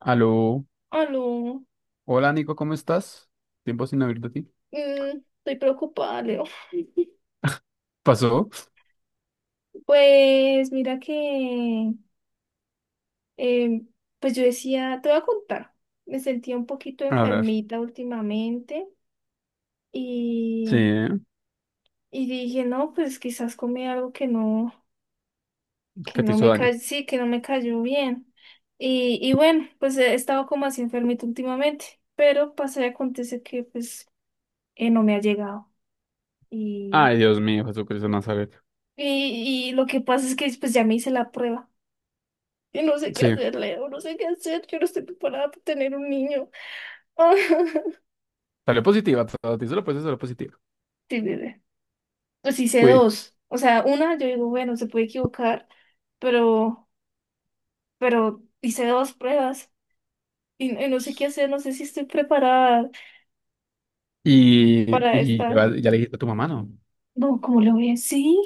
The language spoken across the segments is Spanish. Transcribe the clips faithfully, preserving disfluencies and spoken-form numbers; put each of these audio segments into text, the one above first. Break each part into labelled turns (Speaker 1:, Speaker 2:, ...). Speaker 1: Aló.
Speaker 2: Aló,
Speaker 1: Hola, Nico, ¿cómo estás? Tiempo sin oír de ti.
Speaker 2: mm, estoy preocupada, Leo.
Speaker 1: ¿Pasó?
Speaker 2: Pues mira que, eh, pues yo decía, te voy a contar, me sentía un poquito
Speaker 1: A ver.
Speaker 2: enfermita últimamente
Speaker 1: Sí,
Speaker 2: y, y dije, no, pues quizás comí algo que no, que
Speaker 1: ¿qué te
Speaker 2: no
Speaker 1: hizo
Speaker 2: me
Speaker 1: daño?
Speaker 2: cayó, sí, que no me cayó bien. Y, y bueno, pues he estado como así enfermita últimamente, pero pasa y acontece que pues eh, no me ha llegado. Y,
Speaker 1: Ay, Dios mío, Jesucristo de Nazaret.
Speaker 2: y, y lo que pasa es que pues ya me hice la prueba. Y no sé qué
Speaker 1: Sí,
Speaker 2: hacer, Leo, no sé qué hacer, yo no estoy preparada para tener un niño.
Speaker 1: salió positiva, todo. Te hizo la prueba, salió positiva.
Speaker 2: Ah, sí, bebé. Pues hice
Speaker 1: Uy.
Speaker 2: dos. O sea, una yo digo, bueno, se puede equivocar, pero, pero hice dos pruebas y, y no sé qué hacer, no sé si estoy preparada
Speaker 1: Y,
Speaker 2: para
Speaker 1: y le
Speaker 2: esta.
Speaker 1: vas- ya le dijiste a tu mamá, ¿no?
Speaker 2: No, ¿cómo le voy a decir?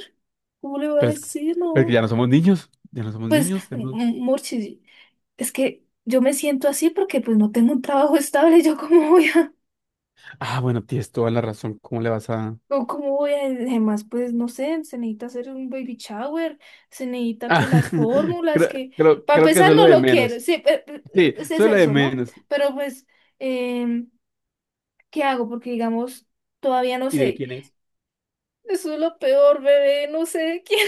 Speaker 2: ¿Cómo le voy a
Speaker 1: Pero es,
Speaker 2: decir?
Speaker 1: es que
Speaker 2: No.
Speaker 1: ya no somos niños. Ya no somos
Speaker 2: Pues,
Speaker 1: niños,
Speaker 2: m-
Speaker 1: tenemos-
Speaker 2: m- Murchi, es que yo me siento así porque pues no tengo un trabajo estable, yo cómo voy a...
Speaker 1: Ah, bueno, tienes toda la razón. ¿Cómo le vas a...?
Speaker 2: O cómo voy a, además, pues no sé, se necesita hacer un baby shower, se necesita que
Speaker 1: Ah,
Speaker 2: las fórmulas,
Speaker 1: creo,
Speaker 2: que
Speaker 1: creo,
Speaker 2: para
Speaker 1: creo que
Speaker 2: empezar
Speaker 1: eso es lo
Speaker 2: no
Speaker 1: de
Speaker 2: lo quiero,
Speaker 1: menos.
Speaker 2: sí, pe- pe-
Speaker 1: Sí,
Speaker 2: es
Speaker 1: eso
Speaker 2: es
Speaker 1: es lo de
Speaker 2: eso, ¿no?
Speaker 1: menos.
Speaker 2: Pero pues, em, ¿qué hago? Porque digamos, todavía no
Speaker 1: ¿Y de
Speaker 2: sé.
Speaker 1: quién es?
Speaker 2: Eso es lo peor, bebé, no sé quién,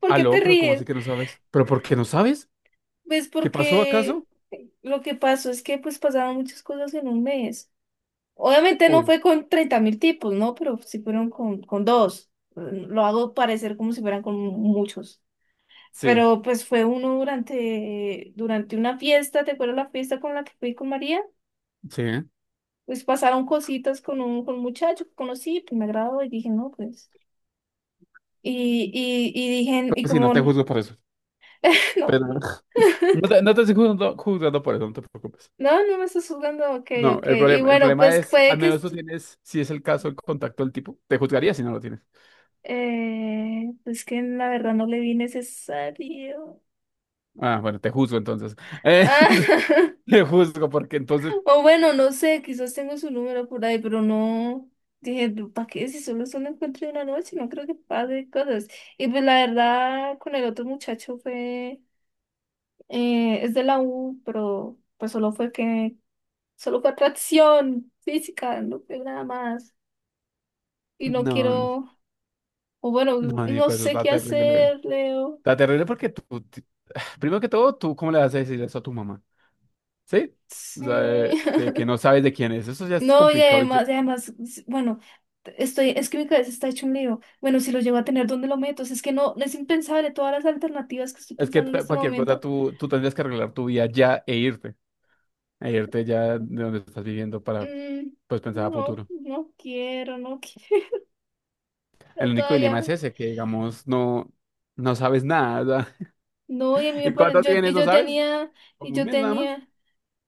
Speaker 2: ¿por qué te
Speaker 1: Aló, pero ¿cómo así
Speaker 2: ríes?
Speaker 1: que no sabes? ¿Pero por qué no sabes?
Speaker 2: Pues
Speaker 1: ¿Qué pasó
Speaker 2: porque
Speaker 1: acaso?
Speaker 2: lo que pasó es que pues pasaron muchas cosas en un mes. Obviamente no
Speaker 1: Uy,
Speaker 2: fue con treinta mil tipos, ¿no? Pero sí fueron con, con dos. Lo hago parecer como si fueran con muchos.
Speaker 1: sí,
Speaker 2: Pero pues fue uno durante, durante una fiesta, ¿te acuerdas la fiesta con la que fui con María?
Speaker 1: sí.
Speaker 2: Pues pasaron cositas con un, con un muchacho que conocí, pues me agradó y dije, no, pues. Y, y, y dije, y
Speaker 1: Pues sí, no
Speaker 2: como,
Speaker 1: te
Speaker 2: no,
Speaker 1: juzgo por eso.
Speaker 2: no,
Speaker 1: Pero no te, no te estoy juzgando, juzgando por eso, no te preocupes.
Speaker 2: no, no me estás jugando, ok,
Speaker 1: No,
Speaker 2: ok.
Speaker 1: el
Speaker 2: Y
Speaker 1: problema, el
Speaker 2: bueno,
Speaker 1: problema
Speaker 2: pues
Speaker 1: es,
Speaker 2: puede
Speaker 1: al
Speaker 2: que,
Speaker 1: menos
Speaker 2: es-
Speaker 1: tú tienes, si es el caso, el contacto del tipo. Te juzgaría si no lo tienes.
Speaker 2: eh, pues que la verdad no le vi necesario.
Speaker 1: Ah, bueno, te juzgo entonces. Eh,
Speaker 2: Ah,
Speaker 1: te juzgo porque entonces,
Speaker 2: o bueno, no sé, quizás tengo su número por ahí, pero no. Dije, ¿para qué? Si solo es un encuentro de una noche, no creo que pase cosas. Y pues la verdad, con el otro muchacho fue. Eh, es de la U, pero pues solo fue que. Solo fue atracción física, no fue nada más. Y no
Speaker 1: no, no,
Speaker 2: quiero. O bueno,
Speaker 1: no,
Speaker 2: no
Speaker 1: Nico, eso
Speaker 2: sé
Speaker 1: está
Speaker 2: qué
Speaker 1: terrible.
Speaker 2: hacer, Leo.
Speaker 1: Está terrible porque tú, ti- primero que todo, tú, ¿cómo le vas a decir eso a tu mamá? ¿Sí? O sea,
Speaker 2: Sí.
Speaker 1: de, de que no sabes de quién es. Eso ya es
Speaker 2: No, y
Speaker 1: complicado.
Speaker 2: además, y además, s- bueno, estoy, es que mi cabeza está hecho un lío. Bueno, si lo llego a tener, ¿dónde lo meto? O sea, es que no, no es impensable todas las alternativas que estoy
Speaker 1: Es que
Speaker 2: pensando en
Speaker 1: ta-
Speaker 2: este
Speaker 1: cualquier cosa
Speaker 2: momento.
Speaker 1: tú, tú tendrías que arreglar tu vida ya e irte, e irte ya de donde estás viviendo para
Speaker 2: Mm,
Speaker 1: pues pensar a
Speaker 2: no,
Speaker 1: futuro.
Speaker 2: no quiero, no quiero
Speaker 1: El único
Speaker 2: todavía.
Speaker 1: dilema es
Speaker 2: me-
Speaker 1: ese, que digamos no, no sabes nada. O sea,
Speaker 2: No, y a mí me
Speaker 1: ¿y
Speaker 2: parece,
Speaker 1: cuánto
Speaker 2: yo,
Speaker 1: tienes?
Speaker 2: y
Speaker 1: ¿No
Speaker 2: yo
Speaker 1: sabes?
Speaker 2: tenía, y
Speaker 1: Como un
Speaker 2: yo
Speaker 1: mes nada más.
Speaker 2: tenía,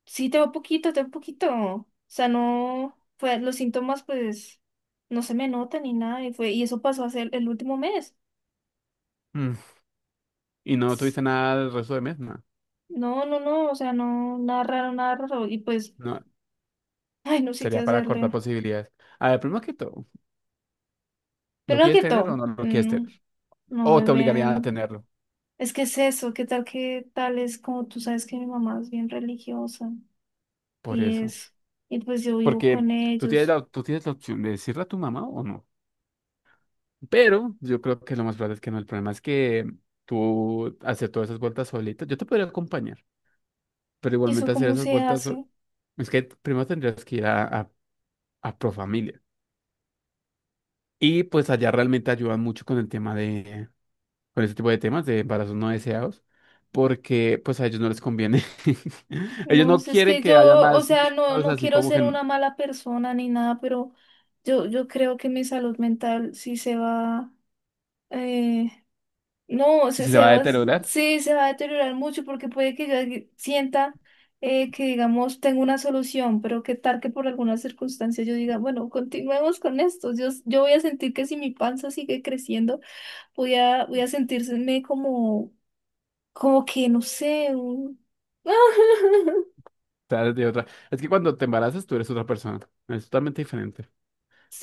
Speaker 2: sí, tengo poquito, tengo poquito. O sea, no, fue, los síntomas, pues, no se me notan ni nada, y fue, y eso pasó hace el el último mes.
Speaker 1: Mm, y no tuviste nada el resto de mes, no.
Speaker 2: No, no, no, o sea, no, nada raro, nada raro. Y pues
Speaker 1: No,
Speaker 2: ay, no sé qué
Speaker 1: sería para cortar
Speaker 2: hacerle.
Speaker 1: posibilidades. A ver, primero que todo, ¿lo
Speaker 2: Primero
Speaker 1: quieres
Speaker 2: que
Speaker 1: tener o
Speaker 2: todo,
Speaker 1: no lo quieres tener?
Speaker 2: mm, no
Speaker 1: O te obligarían a
Speaker 2: beben.
Speaker 1: tenerlo,
Speaker 2: Es que es eso, qué tal que tal es como tú sabes que mi mamá es bien religiosa
Speaker 1: por
Speaker 2: y
Speaker 1: eso.
Speaker 2: es, y pues yo vivo con
Speaker 1: Porque tú tienes
Speaker 2: ellos.
Speaker 1: la, tú tienes la opción de decirle a tu mamá o no. Pero yo creo que lo más probable es que no. El problema es que tú hacer todas esas vueltas solita, yo te podría acompañar, pero
Speaker 2: ¿Y eso
Speaker 1: igualmente hacer
Speaker 2: cómo
Speaker 1: esas
Speaker 2: se
Speaker 1: vueltas, sol-
Speaker 2: hace?
Speaker 1: es que primero tendrías que ir a, a, a Profamilia. Y pues allá realmente ayudan mucho con el tema de, con ese tipo de temas de embarazos no deseados, porque pues a ellos no les conviene. Ellos
Speaker 2: No
Speaker 1: no
Speaker 2: sé, es
Speaker 1: quieren
Speaker 2: que
Speaker 1: que haya
Speaker 2: yo, o
Speaker 1: más
Speaker 2: sea, no,
Speaker 1: niños
Speaker 2: no
Speaker 1: así
Speaker 2: quiero
Speaker 1: como que
Speaker 2: ser
Speaker 1: n-
Speaker 2: una mala persona ni nada, pero yo, yo creo que mi salud mental sí se va, eh, no, se,
Speaker 1: si se
Speaker 2: se
Speaker 1: va a
Speaker 2: va, a s-
Speaker 1: deteriorar.
Speaker 2: sí, se va a deteriorar mucho porque puede que yo di- sienta eh, que, digamos, tengo una solución, pero qué tal que por alguna circunstancia yo diga, bueno, continuemos con esto. Yo, s- yo voy a sentir que si mi panza sigue creciendo, voy a, voy a sentirme como, como que, no sé, un...
Speaker 1: Tal, de otra. Es que cuando te embarazas tú eres otra persona, es totalmente diferente.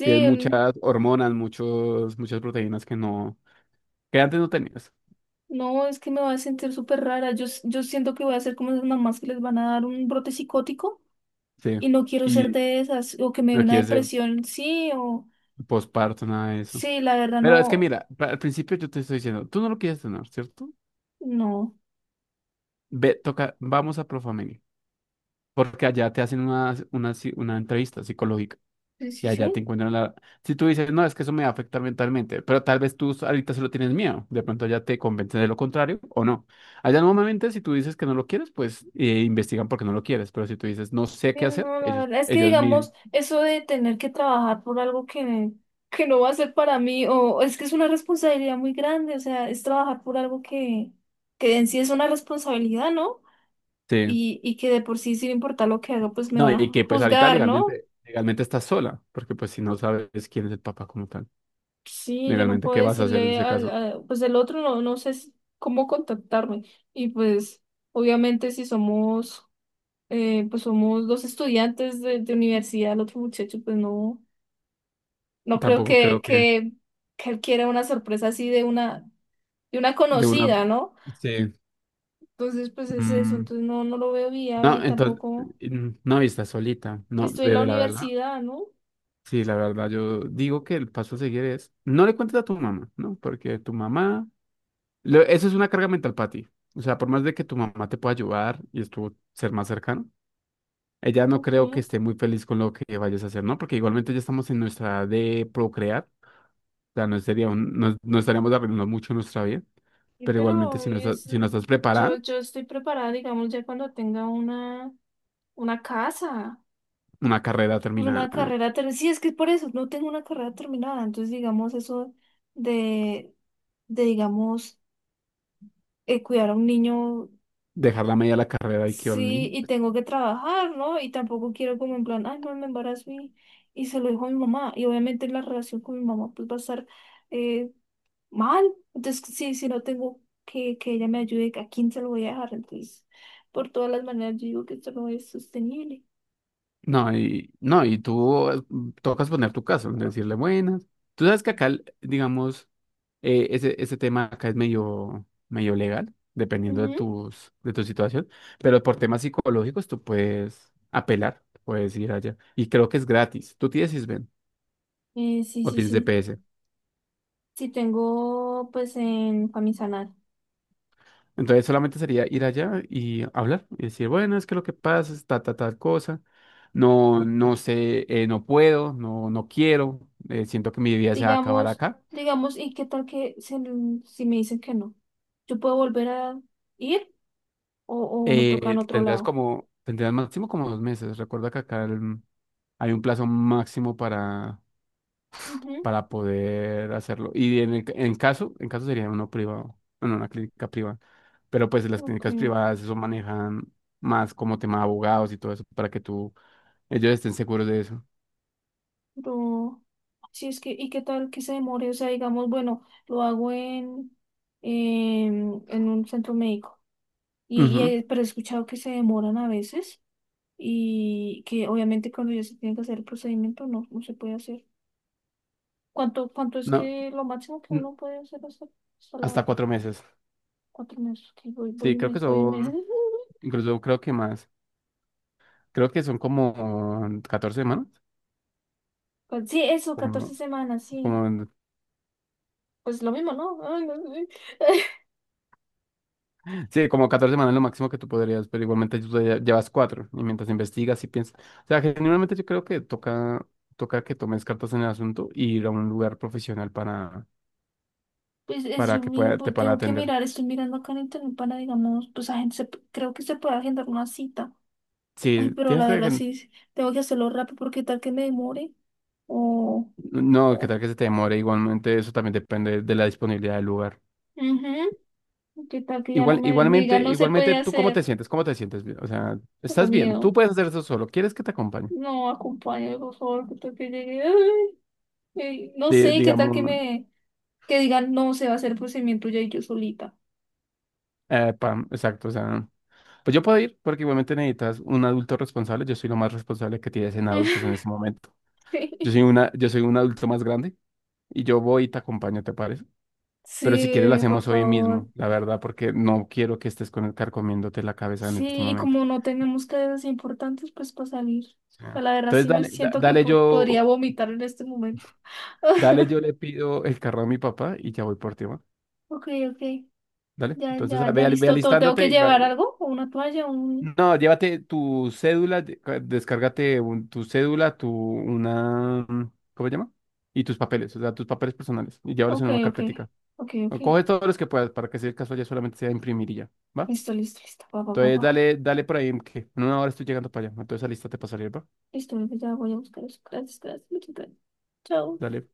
Speaker 1: Tienes
Speaker 2: un-
Speaker 1: muchas hormonas, muchos, muchas proteínas que no, que antes no tenías.
Speaker 2: no, es que me voy a sentir súper rara. Yo, s- yo siento que voy a ser como esas mamás que les van a dar un brote psicótico
Speaker 1: Sí.
Speaker 2: y no quiero ser
Speaker 1: Y
Speaker 2: de esas, o que me dé
Speaker 1: no
Speaker 2: una
Speaker 1: quieres ser
Speaker 2: depresión, sí, o...
Speaker 1: posparto, nada de eso.
Speaker 2: Sí, la verdad
Speaker 1: Pero es que
Speaker 2: no,
Speaker 1: mira, pa- al principio yo te estoy diciendo, tú no lo quieres tener, ¿cierto?
Speaker 2: no.
Speaker 1: Ve, toca, vamos a Profamilia, porque allá te hacen una, una, ci- una entrevista psicológica.
Speaker 2: Sí,
Speaker 1: Y
Speaker 2: sí,
Speaker 1: allá te
Speaker 2: sí.
Speaker 1: encuentran la... Si tú dices, no, es que eso me va a afectar mentalmente, pero tal vez tú ahorita solo tienes miedo, de pronto ya te convencen de lo contrario o no. Allá normalmente si tú dices que no lo quieres, pues eh, investigan porque no lo quieres, pero si tú dices, no sé
Speaker 2: Sí,
Speaker 1: qué hacer,
Speaker 2: no, la
Speaker 1: ellos,
Speaker 2: verdad es que
Speaker 1: ellos mismos,
Speaker 2: digamos, eso de tener que trabajar por algo que, que no va a ser para mí, o es que es una responsabilidad muy grande, o sea, es trabajar por algo que, que en sí es una responsabilidad, ¿no?
Speaker 1: sí.
Speaker 2: Y, y que de por sí, sin importar lo que haga, pues me
Speaker 1: No,
Speaker 2: van
Speaker 1: y
Speaker 2: a
Speaker 1: que pues ahorita
Speaker 2: juzgar, ¿no?
Speaker 1: legalmente, legalmente estás sola, porque pues si no sabes quién es el papá como tal,
Speaker 2: Sí, yo no
Speaker 1: legalmente,
Speaker 2: puedo
Speaker 1: ¿qué vas a hacer en
Speaker 2: decirle
Speaker 1: ese
Speaker 2: al,
Speaker 1: caso?
Speaker 2: a- pues el otro no, no sé si- cómo contactarme. Y pues, obviamente, si somos eh, pues somos dos estudiantes de, de universidad, el otro muchacho, pues no, no creo
Speaker 1: Tampoco
Speaker 2: que,
Speaker 1: creo que
Speaker 2: que, que él quiera una sorpresa así de una, de una
Speaker 1: de una...
Speaker 2: conocida, ¿no?
Speaker 1: Sí.
Speaker 2: Entonces, pues es eso,
Speaker 1: Mm,
Speaker 2: entonces no, no lo veo viable y
Speaker 1: no, entonces,
Speaker 2: tampoco
Speaker 1: mm, no, y estás solita,
Speaker 2: que
Speaker 1: no,
Speaker 2: estoy en la
Speaker 1: bebe, la verdad.
Speaker 2: universidad, ¿no?
Speaker 1: Sí, la verdad, yo digo que el paso a seguir es, no le cuentes a tu mamá, ¿no? Porque tu mamá, lo- eso es una carga mental para ti. O sea, por más de que tu mamá te pueda ayudar y estuvo ser más cercano, ella no
Speaker 2: Ok,
Speaker 1: creo que esté muy feliz con lo que vayas a hacer, ¿no? Porque igualmente ya estamos en nuestra edad de procrear, o sea, no sería un- no, no estaríamos arruinando mucho nuestra vida,
Speaker 2: y
Speaker 1: pero igualmente
Speaker 2: pero
Speaker 1: si no estás,
Speaker 2: es,
Speaker 1: si no estás
Speaker 2: yo,
Speaker 1: preparada,
Speaker 2: yo estoy preparada, digamos, ya cuando tenga una, una casa,
Speaker 1: una carrera
Speaker 2: pues
Speaker 1: terminada,
Speaker 2: una carrera terminada. Sí, es que por eso no tengo una carrera terminada, entonces digamos eso de, de digamos eh, cuidar a un niño,
Speaker 1: dejar la media la carrera y que
Speaker 2: sí,
Speaker 1: ni
Speaker 2: y tengo que trabajar, ¿no? Y tampoco quiero como en plan, ay, no, me embarazo y, y se lo dijo a mi mamá. Y obviamente la relación con mi mamá pues va a estar eh, mal. Entonces, sí, si no tengo que, que ella me ayude, ¿a quién se lo voy a dejar? Entonces, por todas las maneras, yo digo que esto no es sostenible.
Speaker 1: no, y, no, y tú eh, tocas poner tu caso, decirle buenas. Tú sabes que acá, digamos, eh, ese, ese tema acá es medio, medio legal, dependiendo de
Speaker 2: Ujú.
Speaker 1: tus, de tu situación, pero por temas psicológicos tú puedes apelar, puedes ir allá. Y creo que es gratis. Tú tienes I S B E N
Speaker 2: Eh, sí,
Speaker 1: o
Speaker 2: sí,
Speaker 1: tienes
Speaker 2: sí.
Speaker 1: D P S.
Speaker 2: Sí tengo, pues, en, para mi sanar.
Speaker 1: Entonces solamente sería ir allá y hablar y decir, bueno, es que lo que pasa es ta, ta, tal cosa. No, no sé, eh, no puedo, no, no quiero, eh, siento que mi vida se va a acabar
Speaker 2: Digamos,
Speaker 1: acá.
Speaker 2: digamos, ¿y qué tal que se- si me dicen que no? ¿Yo puedo volver a ir? O, o me toca
Speaker 1: Eh,
Speaker 2: en otro
Speaker 1: tendrás
Speaker 2: lado.
Speaker 1: como, tendrás máximo como dos meses. Recuerda que acá el- hay un plazo máximo para,
Speaker 2: Ujú.
Speaker 1: para poder hacerlo. Y en, el- en caso, en caso sería uno privado, bueno, una clínica privada. Pero pues las
Speaker 2: Ok,
Speaker 1: clínicas privadas eso manejan más como tema de abogados y todo eso para que tú, ellos estén seguros de eso.
Speaker 2: pero si es que, ¿y qué tal que se demore? O sea, digamos, bueno, lo hago en, en, en un centro médico. Y, y
Speaker 1: Ujú.
Speaker 2: he- pero he escuchado que se demoran a veces y que obviamente cuando ya se tiene que hacer el procedimiento no, no se puede hacer. ¿Cuánto, cuánto es
Speaker 1: No,
Speaker 2: que lo máximo que
Speaker 1: n-
Speaker 2: uno puede hacer hasta, hasta la
Speaker 1: hasta cuatro meses.
Speaker 2: cuatro meses? Que voy, voy
Speaker 1: Sí,
Speaker 2: un
Speaker 1: creo que
Speaker 2: mes, voy un mes.
Speaker 1: son, incluso creo que más. Creo que son como catorce semanas,
Speaker 2: Pues sí, eso, catorce
Speaker 1: como,
Speaker 2: semanas, sí.
Speaker 1: como
Speaker 2: Pues lo mismo, ¿no? Ay, no sé.
Speaker 1: sí, como catorce semanas es lo máximo que tú podrías, pero igualmente tú ya llevas cuatro y mientras investigas y piensas. O sea, generalmente yo creo que toca, toca que tomes cartas en el asunto y ir a un lugar profesional para,
Speaker 2: Pues es,
Speaker 1: para
Speaker 2: yo
Speaker 1: que
Speaker 2: mi-
Speaker 1: pueda, te
Speaker 2: pues,
Speaker 1: puedan
Speaker 2: tengo que
Speaker 1: atender.
Speaker 2: mirar, estoy mirando acá en internet para, digamos, pues a gente, se p- creo que se puede agendar una cita. Ay,
Speaker 1: Sí,
Speaker 2: pero
Speaker 1: tienes
Speaker 2: la
Speaker 1: que...
Speaker 2: verdad
Speaker 1: que-
Speaker 2: sí, sí, tengo que hacerlo rápido porque tal que me demore o,
Speaker 1: no, que
Speaker 2: o
Speaker 1: tal que se te demore, igualmente eso también depende de la disponibilidad del lugar.
Speaker 2: ujú, qué tal que ya no
Speaker 1: Igual,
Speaker 2: me, me
Speaker 1: igualmente,
Speaker 2: digan no se
Speaker 1: igualmente,
Speaker 2: puede
Speaker 1: ¿tú cómo te
Speaker 2: hacer.
Speaker 1: sientes? ¿Cómo te sientes? O sea,
Speaker 2: Tengo
Speaker 1: estás bien, tú
Speaker 2: miedo.
Speaker 1: puedes hacer eso solo, ¿quieres que te acompañe?
Speaker 2: No, acompáñame, por favor, que tal que llegue. Ay, ay, no
Speaker 1: Di-
Speaker 2: sé, qué tal
Speaker 1: digamos,
Speaker 2: que me, que digan no se va a hacer el procedimiento ya y yo solita.
Speaker 1: eh, pam, exacto, o sea... Pues yo puedo ir porque igualmente necesitas un adulto responsable. Yo soy lo más responsable que tienes en adultos en ese momento. Yo soy una, yo soy un adulto más grande y yo voy y te acompaño, ¿te parece? Pero si quieres lo
Speaker 2: Sí, por
Speaker 1: hacemos hoy
Speaker 2: favor.
Speaker 1: mismo, la verdad, porque no quiero que estés con el carcomiéndote la cabeza en este
Speaker 2: Sí, y
Speaker 1: momento.
Speaker 2: como no tenemos cadenas importantes, pues para salir.
Speaker 1: Sí.
Speaker 2: A la verdad
Speaker 1: Entonces
Speaker 2: sí me
Speaker 1: dale, da-
Speaker 2: siento que
Speaker 1: dale
Speaker 2: po-
Speaker 1: yo,
Speaker 2: podría vomitar en este momento.
Speaker 1: dale yo le pido el carro a mi papá y ya voy por ti, ¿va?
Speaker 2: Ok, ok.
Speaker 1: Dale.
Speaker 2: Ya,
Speaker 1: Entonces
Speaker 2: ya, ya
Speaker 1: ve, al- ve
Speaker 2: listo todo. ¿Tengo que
Speaker 1: alistándote y va,
Speaker 2: llevar algo? ¿O una toalla? Un...
Speaker 1: no, llévate tu cédula, de- ca- descárgate un- tu cédula, tu una, mm, ¿cómo se llama? Y tus papeles, o sea, tus papeles personales, y llévalos
Speaker 2: Ok,
Speaker 1: en una
Speaker 2: ok.
Speaker 1: carpetica.
Speaker 2: Ok, ok.
Speaker 1: O coge todos los que puedas para que si el caso ya solamente sea imprimir y ya, ¿va?
Speaker 2: Listo, listo, listo. Va, va, va,
Speaker 1: Entonces
Speaker 2: va.
Speaker 1: dale, dale por ahí, que en una hora estoy llegando para allá. Entonces lista para salir, ¿va?
Speaker 2: Listo, bebé, ya voy a buscar eso. Gracias, gracias. Muchas gracias. Chao.
Speaker 1: Dale.